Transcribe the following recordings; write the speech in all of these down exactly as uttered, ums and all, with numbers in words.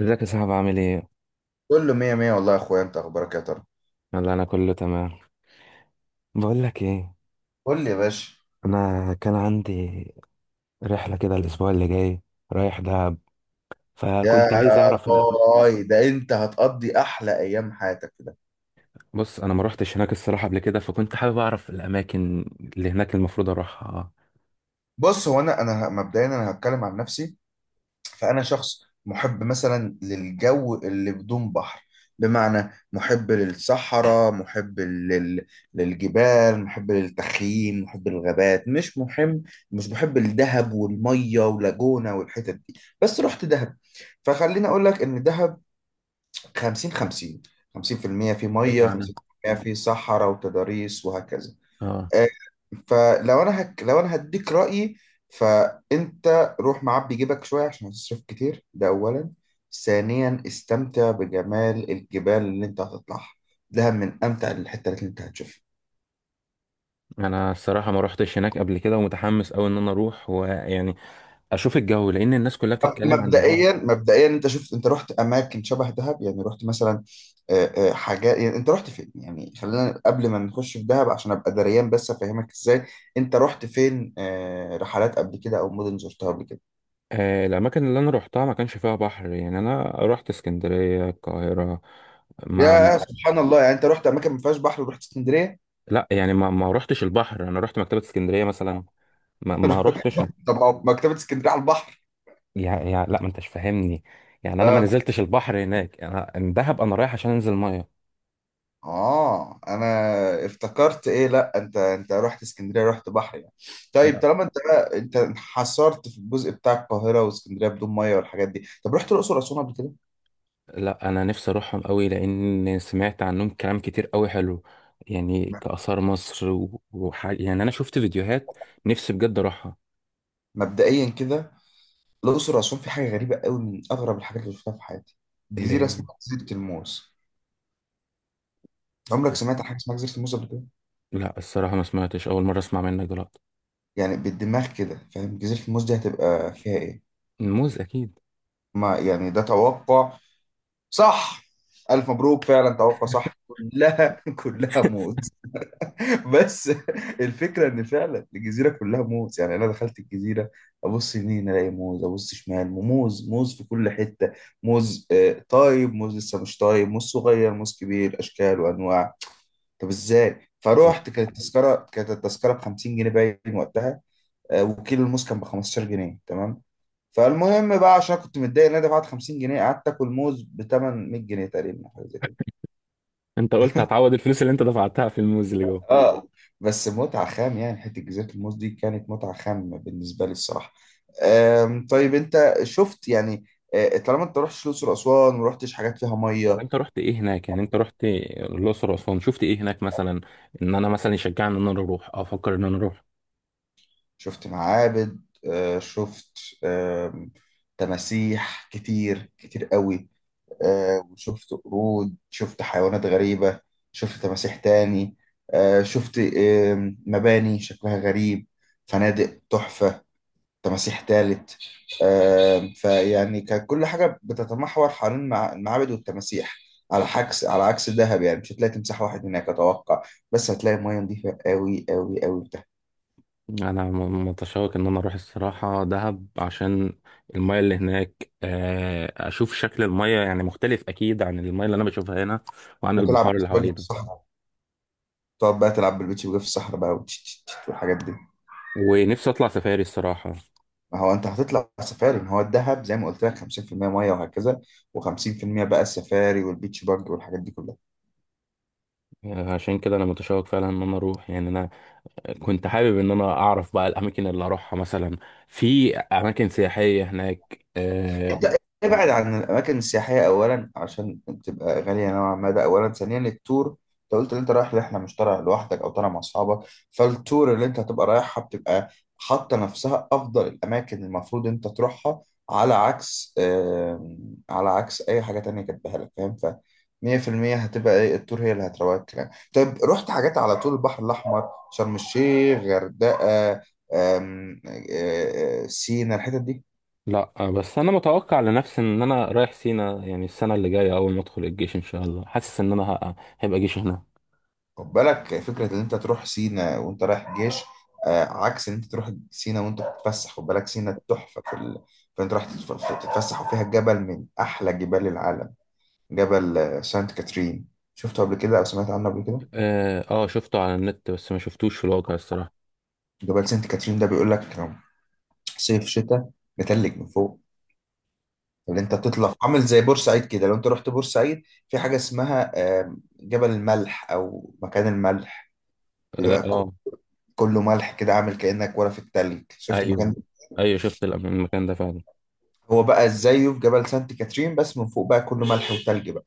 ازيك يا صاحبي؟ عامل ايه؟ كله مية مية والله يا اخويا، انت اخبارك إيه يا ترى؟ يلا انا كله تمام. بقول لك ايه، قول لي يا باشا. انا كان عندي رحله كده الاسبوع اللي جاي، رايح دهب، يا فكنت عايز اعرف الأ... باي، ده انت هتقضي احلى ايام حياتك في ده. بص، انا ما روحتش هناك الصراحه قبل كده، فكنت حابب اعرف الاماكن اللي هناك المفروض اروحها. بص، هو انا انا ه- مبدئيا انا هتكلم عن نفسي. فانا شخص محب مثلا للجو اللي بدون بحر، بمعنى محب للصحراء، محب لل... للجبال، محب للتخييم، محب للغابات، مش محب مش محب الدهب والميه ولاجونا والحتت دي. بس رحت دهب، فخليني اقول لك ان دهب خمسين خمسين، خمسين في المية في المية، في ميه بمعنى خمسين في المية في المية في صحراء وتضاريس وهكذا. اه، آه، فلو انا هك... لو انا هديك رأيي، فانت روح معبي جيبك شويه عشان هتصرف كتير، ده اولا. ثانيا استمتع بجمال الجبال اللي انت هتطلعها، ده من امتع الحته اللي انت هتشوفها. انا الصراحه ما روحتش هناك قبل كده ومتحمس قوي ان انا اروح ويعني اشوف الجو، لان الناس كلها طب بتتكلم عن الجو. مبدئيا مبدئيا انت شفت، انت رحت اماكن شبه دهب؟ يعني رحت مثلا آه، آه، حاجات، يعني انت رحت فين؟ يعني خلينا قبل ما نخش في دهب، عشان ابقى دريان بس افهمك ازاي. انت رحت فين آه، رحلات قبل كده او مدن زرتها قبل كده؟ آه، الاماكن اللي انا روحتها ما كانش فيها بحر، يعني انا رحت اسكندريه، القاهره. ما يا سبحان الله، يعني انت رحت اماكن ما فيهاش بحر ورحت اسكندريه؟ لا، يعني ما ما رحتش البحر، انا رحت مكتبة اسكندرية مثلا، ما ما رحتش. طب ما هو مكتبه اسكندريه على البحر. يعني يعني لا، ما انتش فاهمني. يعني انا ما نزلتش البحر هناك، انا دهب انا رايح عشان انزل ميه. اه، انا افتكرت ايه، لا انت انت رحت اسكندريه رحت بحر يعني. طيب لا طالما انت بقى انت انحصرت في الجزء بتاع القاهره واسكندريه بدون ميه والحاجات دي، طب رحت الاقصر واسوان قبل كده؟ لا، انا نفسي اروحهم قوي، لان سمعت عنهم كلام كتير قوي حلو. يعني لا. كآثار مصر و- وحاجة، يعني انا شفت فيديوهات، نفسي بجد اروحها. مبدئيا كده الاقصر واسوان في حاجه غريبه قوي، من اغرب الحاجات اللي شفتها في حياتي، اللي جزيره هي اسمها جزيره الموز. عمرك سمعت عن حاجه اسمها جزيره الموز قبل كده؟ لا، الصراحة ما سمعتش، اول مرة اسمع منك دلوقتي. يعني بالدماغ كده، فاهم جزيره الموز دي هتبقى فيها ايه؟ الموز اكيد. ما يعني ده توقع صح. الف مبروك، فعلا توقع صح، كلها كلها موز. بس الفكره ان فعلا الجزيره كلها موز، يعني انا دخلت الجزيره ابص يمين الاقي موز، ابص شمال موز، موز في كل حته، موز آه، طايب، موز لسه مش طايب، موز صغير، موز كبير، اشكال وانواع. طب ازاي؟ فروحت، كانت التذكره كانت التذكره ب خمسين جنيه باين وقتها، آه، وكيلو الموز كان ب خمسة عشر جنيه، تمام؟ فالمهم بقى، عشان كنت متضايق ان انا دفعت خمسين جنيه، قعدت اكل موز ب تمنمية جنيه تقريبا، حاجه زي انت قلت هتعوض الفلوس اللي انت دفعتها في الموز اللي جوه. اه. بس متعة خام، يعني حتة جزيرة الموز دي كانت متعة خام بالنسبة لي الصراحة. آم، طيب انت شفت يعني آه، طالما انت رحتش الأقصر وأسوان، ورحتش حاجات فيها طب مية، انت رحت ايه هناك؟ يعني انت رحت الاقصر واسوان، شفت ايه هناك مثلا ان انا مثلا يشجعني ان انا اروح، افكر ان انا اروح. شفت معابد، آه، شفت آم، تماسيح كتير كتير قوي، آه، وشفت قرود، شفت حيوانات غريبة، شفت تماسيح تاني، آه، شفت آم، مباني شكلها غريب، فنادق تحفة، تماسيح تالت، آه، فيعني كانت كل حاجة بتتمحور حوالين المع- المعابد والتماسيح. على عكس على عكس الذهب، يعني مش هتلاقي تمساح واحد هناك أتوقع، بس هتلاقي مية نظيفة أوي أوي أوي بتاعت، انا م- متشوق ان انا اروح الصراحه دهب، عشان المايه اللي هناك، آه، اشوف شكل المايه، يعني مختلف اكيد عن المايه اللي انا بشوفها هنا وعن وتلعب البحار اللي بيتش باجي في حوالينا. الصحراء، تقعد بقى تلعب بالبيتش باجي في الصحراء بقى، وتش- تش- تش والحاجات دي. ونفسي اطلع سفاري الصراحه. ما هو أنت هتطلع سفاري، ما هو الذهب زي ما قلت لك خمسين في المية مية وهكذا، و50% بقى السفاري والبيتش باجي والحاجات دي كلها. آه، عشان كده انا متشوق فعلا ان انا اروح، يعني انا كنت حابب ان انا اعرف بقى الاماكن اللي اروحها مثلا، في اماكن سياحيه هناك آه، ده- ابعد عن الاماكن السياحيه اولا عشان تبقى غاليه نوعا ما، ده اولا. ثانيا التور، انت قلت ان انت رايح رحله، مش طالع لوحدك او طالع مع اصحابك، فالتور اللي انت هتبقى رايحها بتبقى حاطه نفسها افضل الاماكن المفروض انت تروحها، على عكس آم، على عكس اي حاجه تانية كاتبها لك، فاهم؟ ف مية بالمية هتبقى ايه التور هي اللي هتروق الكلام. طيب رحت حاجات على طول البحر الاحمر، شرم الشيخ، غردقه، آم، آه، آه، سينا، الحتت دي؟ لا، بس انا متوقع لنفسي ان انا رايح سينا، يعني السنه اللي جايه اول ما ادخل الجيش ان شاء الله، حاسس ان انا ه- هيبقى جيش هنا. خد بالك فكرة إن أنت تروح سينا وأنت رايح الجيش، آه، عكس إن أنت تروح سينا وأنت بتتفسح، خد بالك. سينا تحفة في ال... فأنت رايح تتف- تتفسح، وفيها جبل من أحلى جبال العالم، جبل آه، سانت كاترين. شفته قبل كده أو سمعت عنه قبل كده؟ اه، آه، شفته على النت بس ما شفتوش في الواقع الصراحه. جبل سانت كاترين ده بيقول لك صيف شتاء متلج من فوق، اللي أنت تطلع عامل زي بورسعيد كده، لو أنت رحت بورسعيد في حاجة اسمها آه، جبل الملح أو مكان الملح، اه، بيبقى ك- آه، كله ملح كده، عامل كأنك ورا في التلج، شفت المكان ايوه، ده؟ ايوه شفت الأم- المكان ده فعلا. هو بقى زيه في جبل سانت كاترين، بس من فوق بقى كله ملح وتلج بقى.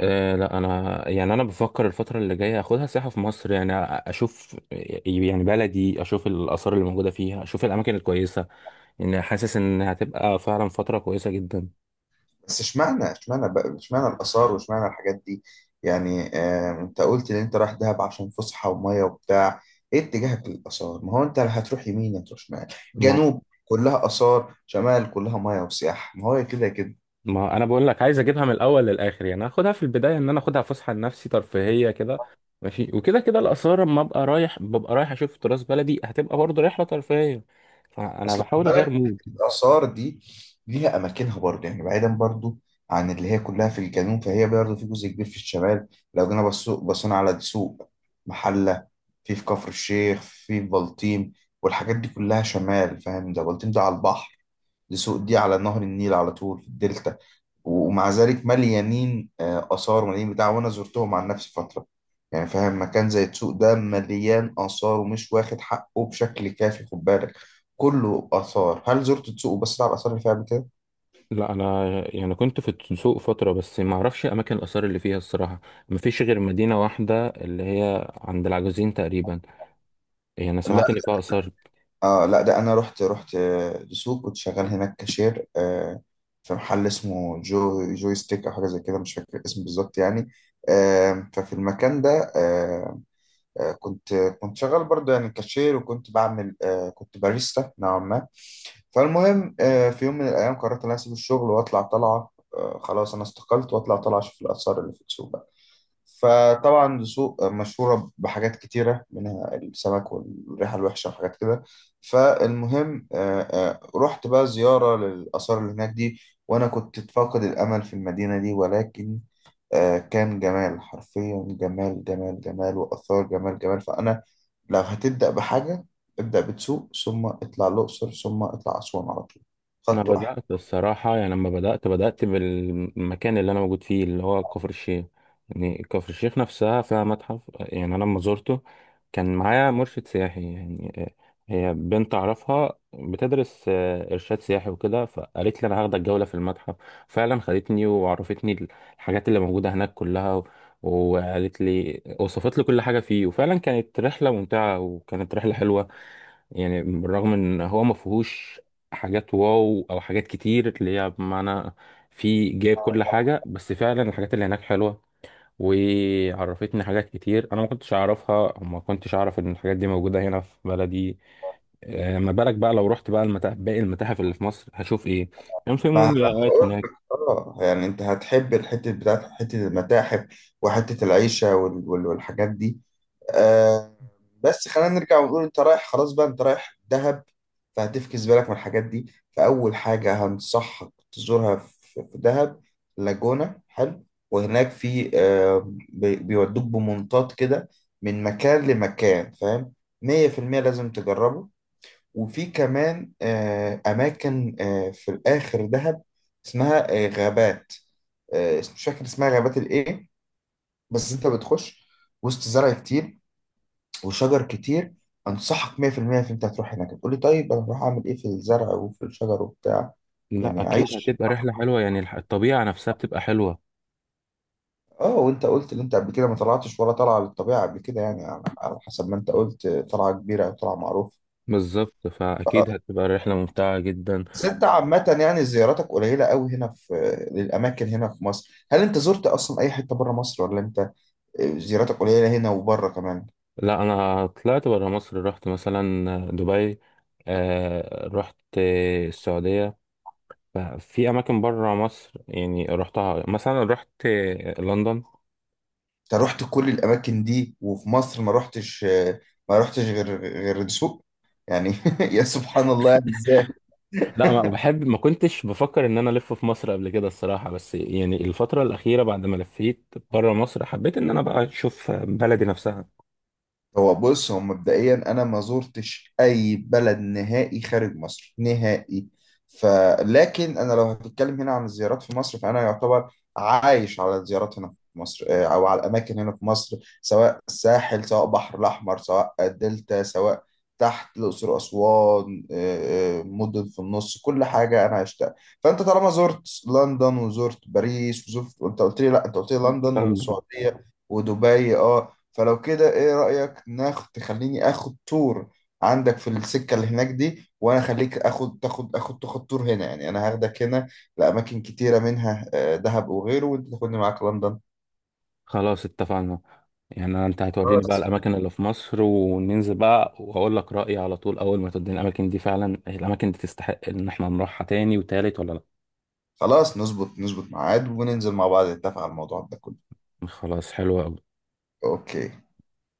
آه لا، انا يعني انا بفكر الفتره اللي جايه اخدها سياحه في مصر، يعني أ- اشوف يعني بلدي، اشوف الاثار اللي موجوده فيها، اشوف الاماكن الكويسه. يعني حاسس ان هتبقى فعلا فتره كويسه جدا. بس اشمعنى، اشمعنى بقى اشمعنى الآثار واشمعنى الحاجات دي؟ يعني آه انت قلت ان انت رايح دهب عشان فسحة ومية وبتاع، ايه اتجاهك للآثار؟ ما هو انت هتروح يمين، هتروح شمال، جنوب كلها آثار، شمال كلها مية وسياحة، ما هو كده كده. ما انا بقول لك، عايز اجيبها من الاول للاخر، يعني اخدها في البدايه ان انا اخدها فسحه لنفسي ترفيهيه كده، ماشي، وكده كده الاثار لما ابقى رايح ببقى رايح اشوف تراث بلدي، هتبقى برضه رحله ترفيهيه، فانا اصل خد بحاول اغير بالك مود. الاثار دي ليها اماكنها برضه، يعني بعيدا برضه عن اللي هي كلها في الجنوب، فهي برضه في جزء كبير في الشمال. لو جينا بصو- بصينا على دسوق، محله، في في كفر الشيخ، في بلطيم، والحاجات دي كلها شمال، فاهم؟ ده بلطيم ده على البحر، دسوق دي على نهر النيل على طول في الدلتا، ومع ذلك مليانين آه، آثار، مليانين بتاع، وأنا زرتهم عن نفسي فترة، يعني فاهم. مكان زي السوق ده مليان آثار ومش واخد حقه بشكل كافي، خد بالك. كله آثار، هل زرت السوق وبصيت على الآثار اللي فيها قبل كده؟ لا انا يعني كنت في السوق فتره، بس ما اعرفش اماكن الاثار اللي فيها الصراحه. ما فيش غير مدينه واحده اللي هي عند العجوزين تقريبا، يعني انا لا. سمعت ان فيها اثار. آه لا ده أنا رحت رحت آه، السوق، كنت شغال هناك كاشير، آه، في محل اسمه جو جوي ستيك أو حاجة زي كده، مش فاكر الاسم بالظبط يعني. آه ففي المكان ده آه آه، كنت كنت شغال برضه يعني كاشير، وكنت بعمل آه، كنت باريستا نوعا ما. فالمهم آه، في يوم من الأيام قررت إن أنا أسيب الشغل وأطلع طلعة، آه، خلاص أنا استقلت وأطلع طلعة أشوف الآثار اللي في السوق بقى. فطبعا السوق مشهورة بحاجات كتيرة، منها السمك والريحة الوحشة وحاجات كده. فالمهم آه، آه، رحت بقى زيارة للآثار اللي هناك دي، وأنا كنت فاقد الأمل في المدينة دي، ولكن آه، كان جمال، حرفيا جمال جمال جمال، وآثار جمال جمال. فأنا لو هتبدأ بحاجة، ابدأ بتسوق ثم اطلع الأقصر ثم اطلع أسوان على طول، انا خط واحد. بدات الصراحه، يعني لما بدات، بدات بالمكان اللي انا موجود فيه اللي هو كفر الشيخ. يعني كفر الشيخ نفسها فيها متحف. يعني انا لما زرته كان معايا مرشد سياحي، يعني هي بنت اعرفها بتدرس آه، ارشاد سياحي وكده، فقالت لي انا هاخدك جوله في المتحف. فعلا خدتني وعرفتني الحاجات اللي موجوده هناك كلها، و- وقالت لي، وصفت لي كل حاجه فيه، وفعلا كانت رحله ممتعه وكانت رحله حلوه. يعني بالرغم ان هو ما فيهوش حاجات واو او حاجات كتير اللي هي بمعنى فيه جايب كل حاجه، بس فعلا الحاجات اللي هناك حلوه، وعرفتني حاجات كتير انا ما كنتش اعرفها وما كنتش اعرف ان الحاجات دي موجوده هنا في بلدي. آه، ما بالك بقى لو رحت بقى المتاحف، باقي المتاحف اللي في مصر، هشوف ايه؟ كان في ما أنا مومياوات بقول هناك. لك، اه يعني انت هتحب الحتة بتاعت حتة المتاحف وحتة العيشة وال- وال- والحاجات دي، آه. بس خلينا نرجع ونقول انت رايح خلاص بقى، انت رايح دهب، فهتفكس بالك من الحاجات دي. فأول حاجة هنصحك تزورها في في دهب، لاجونا حلو، وهناك في آه بي- بيودوك بمنطاد كده من مكان لمكان، فاهم، مية في المية لازم تجربه. وفي كمان آه أماكن آه في الآخر دهب اسمها آه غابات، آه مش فاكر اسمها غابات الإيه، بس أنت بتخش وسط زرع كتير وشجر كتير. انصحك مية بالمية في المية ان انت هتروح هناك. تقول لي طيب انا هروح اعمل ايه في الزرع وفي الشجر وبتاع؟ لا يعني اكيد عيش. هتبقى رحله حلوه، يعني الح- الطبيعه نفسها بتبقى حلوه. اه وانت قلت ان انت قبل كده ما طلعتش ولا طالعه للطبيعه قبل كده، يعني على على حسب ما انت قلت طلعه كبيره او طلعه معروفه. بالظبط، فاكيد هتبقى رحله ممتعه جدا. بس انت عامه يعني زياراتك قليله قوي هنا في للاماكن هنا في مصر، هل انت زرت اصلا اي حته بره مصر، ولا انت آه، زياراتك قليله هنا وبره كمان؟ لا انا طلعت برا مصر، رحت مثلا دبي، آه، رحت السعوديه، في اماكن برا مصر يعني رحتها، مثلا رحت لندن. انت رحت كل الاماكن دي وفي مصر ما رحتش، ما رحتش غير غير الدسوق، يعني يا سبحان الله، يعني ازاي؟ لا ما بحب، ما كنتش بفكر ان انا الف في مصر قبل كده الصراحه، بس يعني الفتره الاخيره بعد ما لفيت برا مصر حبيت ان انا بقى اشوف بلدي هو بص، هو مبدئيا انا ما زرتش اي بلد نهائي خارج مصر نهائي، فلكن انا لو هتتكلم هنا عن الزيارات في مصر فانا يعتبر عايش على الزيارات هنا في مصر، آه، او على الاماكن هنا في مصر، سواء الساحل، سواء بحر الاحمر، سواء الدلتا، سواء تحت الاقصر واسوان، آه، آه، مدن في النص، كل حاجه انا عشتها. فانت طالما زرت لندن وزرت باريس وزرت، وانت قلت لي لا، انت قلت لي لندن نفسها. والسعوديه ودبي اه. فلو كده ايه رأيك، ناخد تخليني اخد تور عندك في السكة اللي هناك دي، وانا اخليك اخد تاخد اخد تاخد تور هنا، يعني انا هاخدك هنا لأماكن كتيرة منها آه، دهب وغيره، وانت تاخدني معاك لندن. خلاص اتفقنا، يعني انت هتوريني بقى خلاص، الاماكن اللي في مصر وننزل بقى، واقول لك رايي على طول اول ما توديني الاماكن دي، فعلا الاماكن دي تستحق ان احنا نروحها تاني وتالت ولا لا. خلاص نظبط نظبط ميعاد وننزل مع بعض نتفق على الموضوع ده كله. خلاص حلو قوي. اوكي.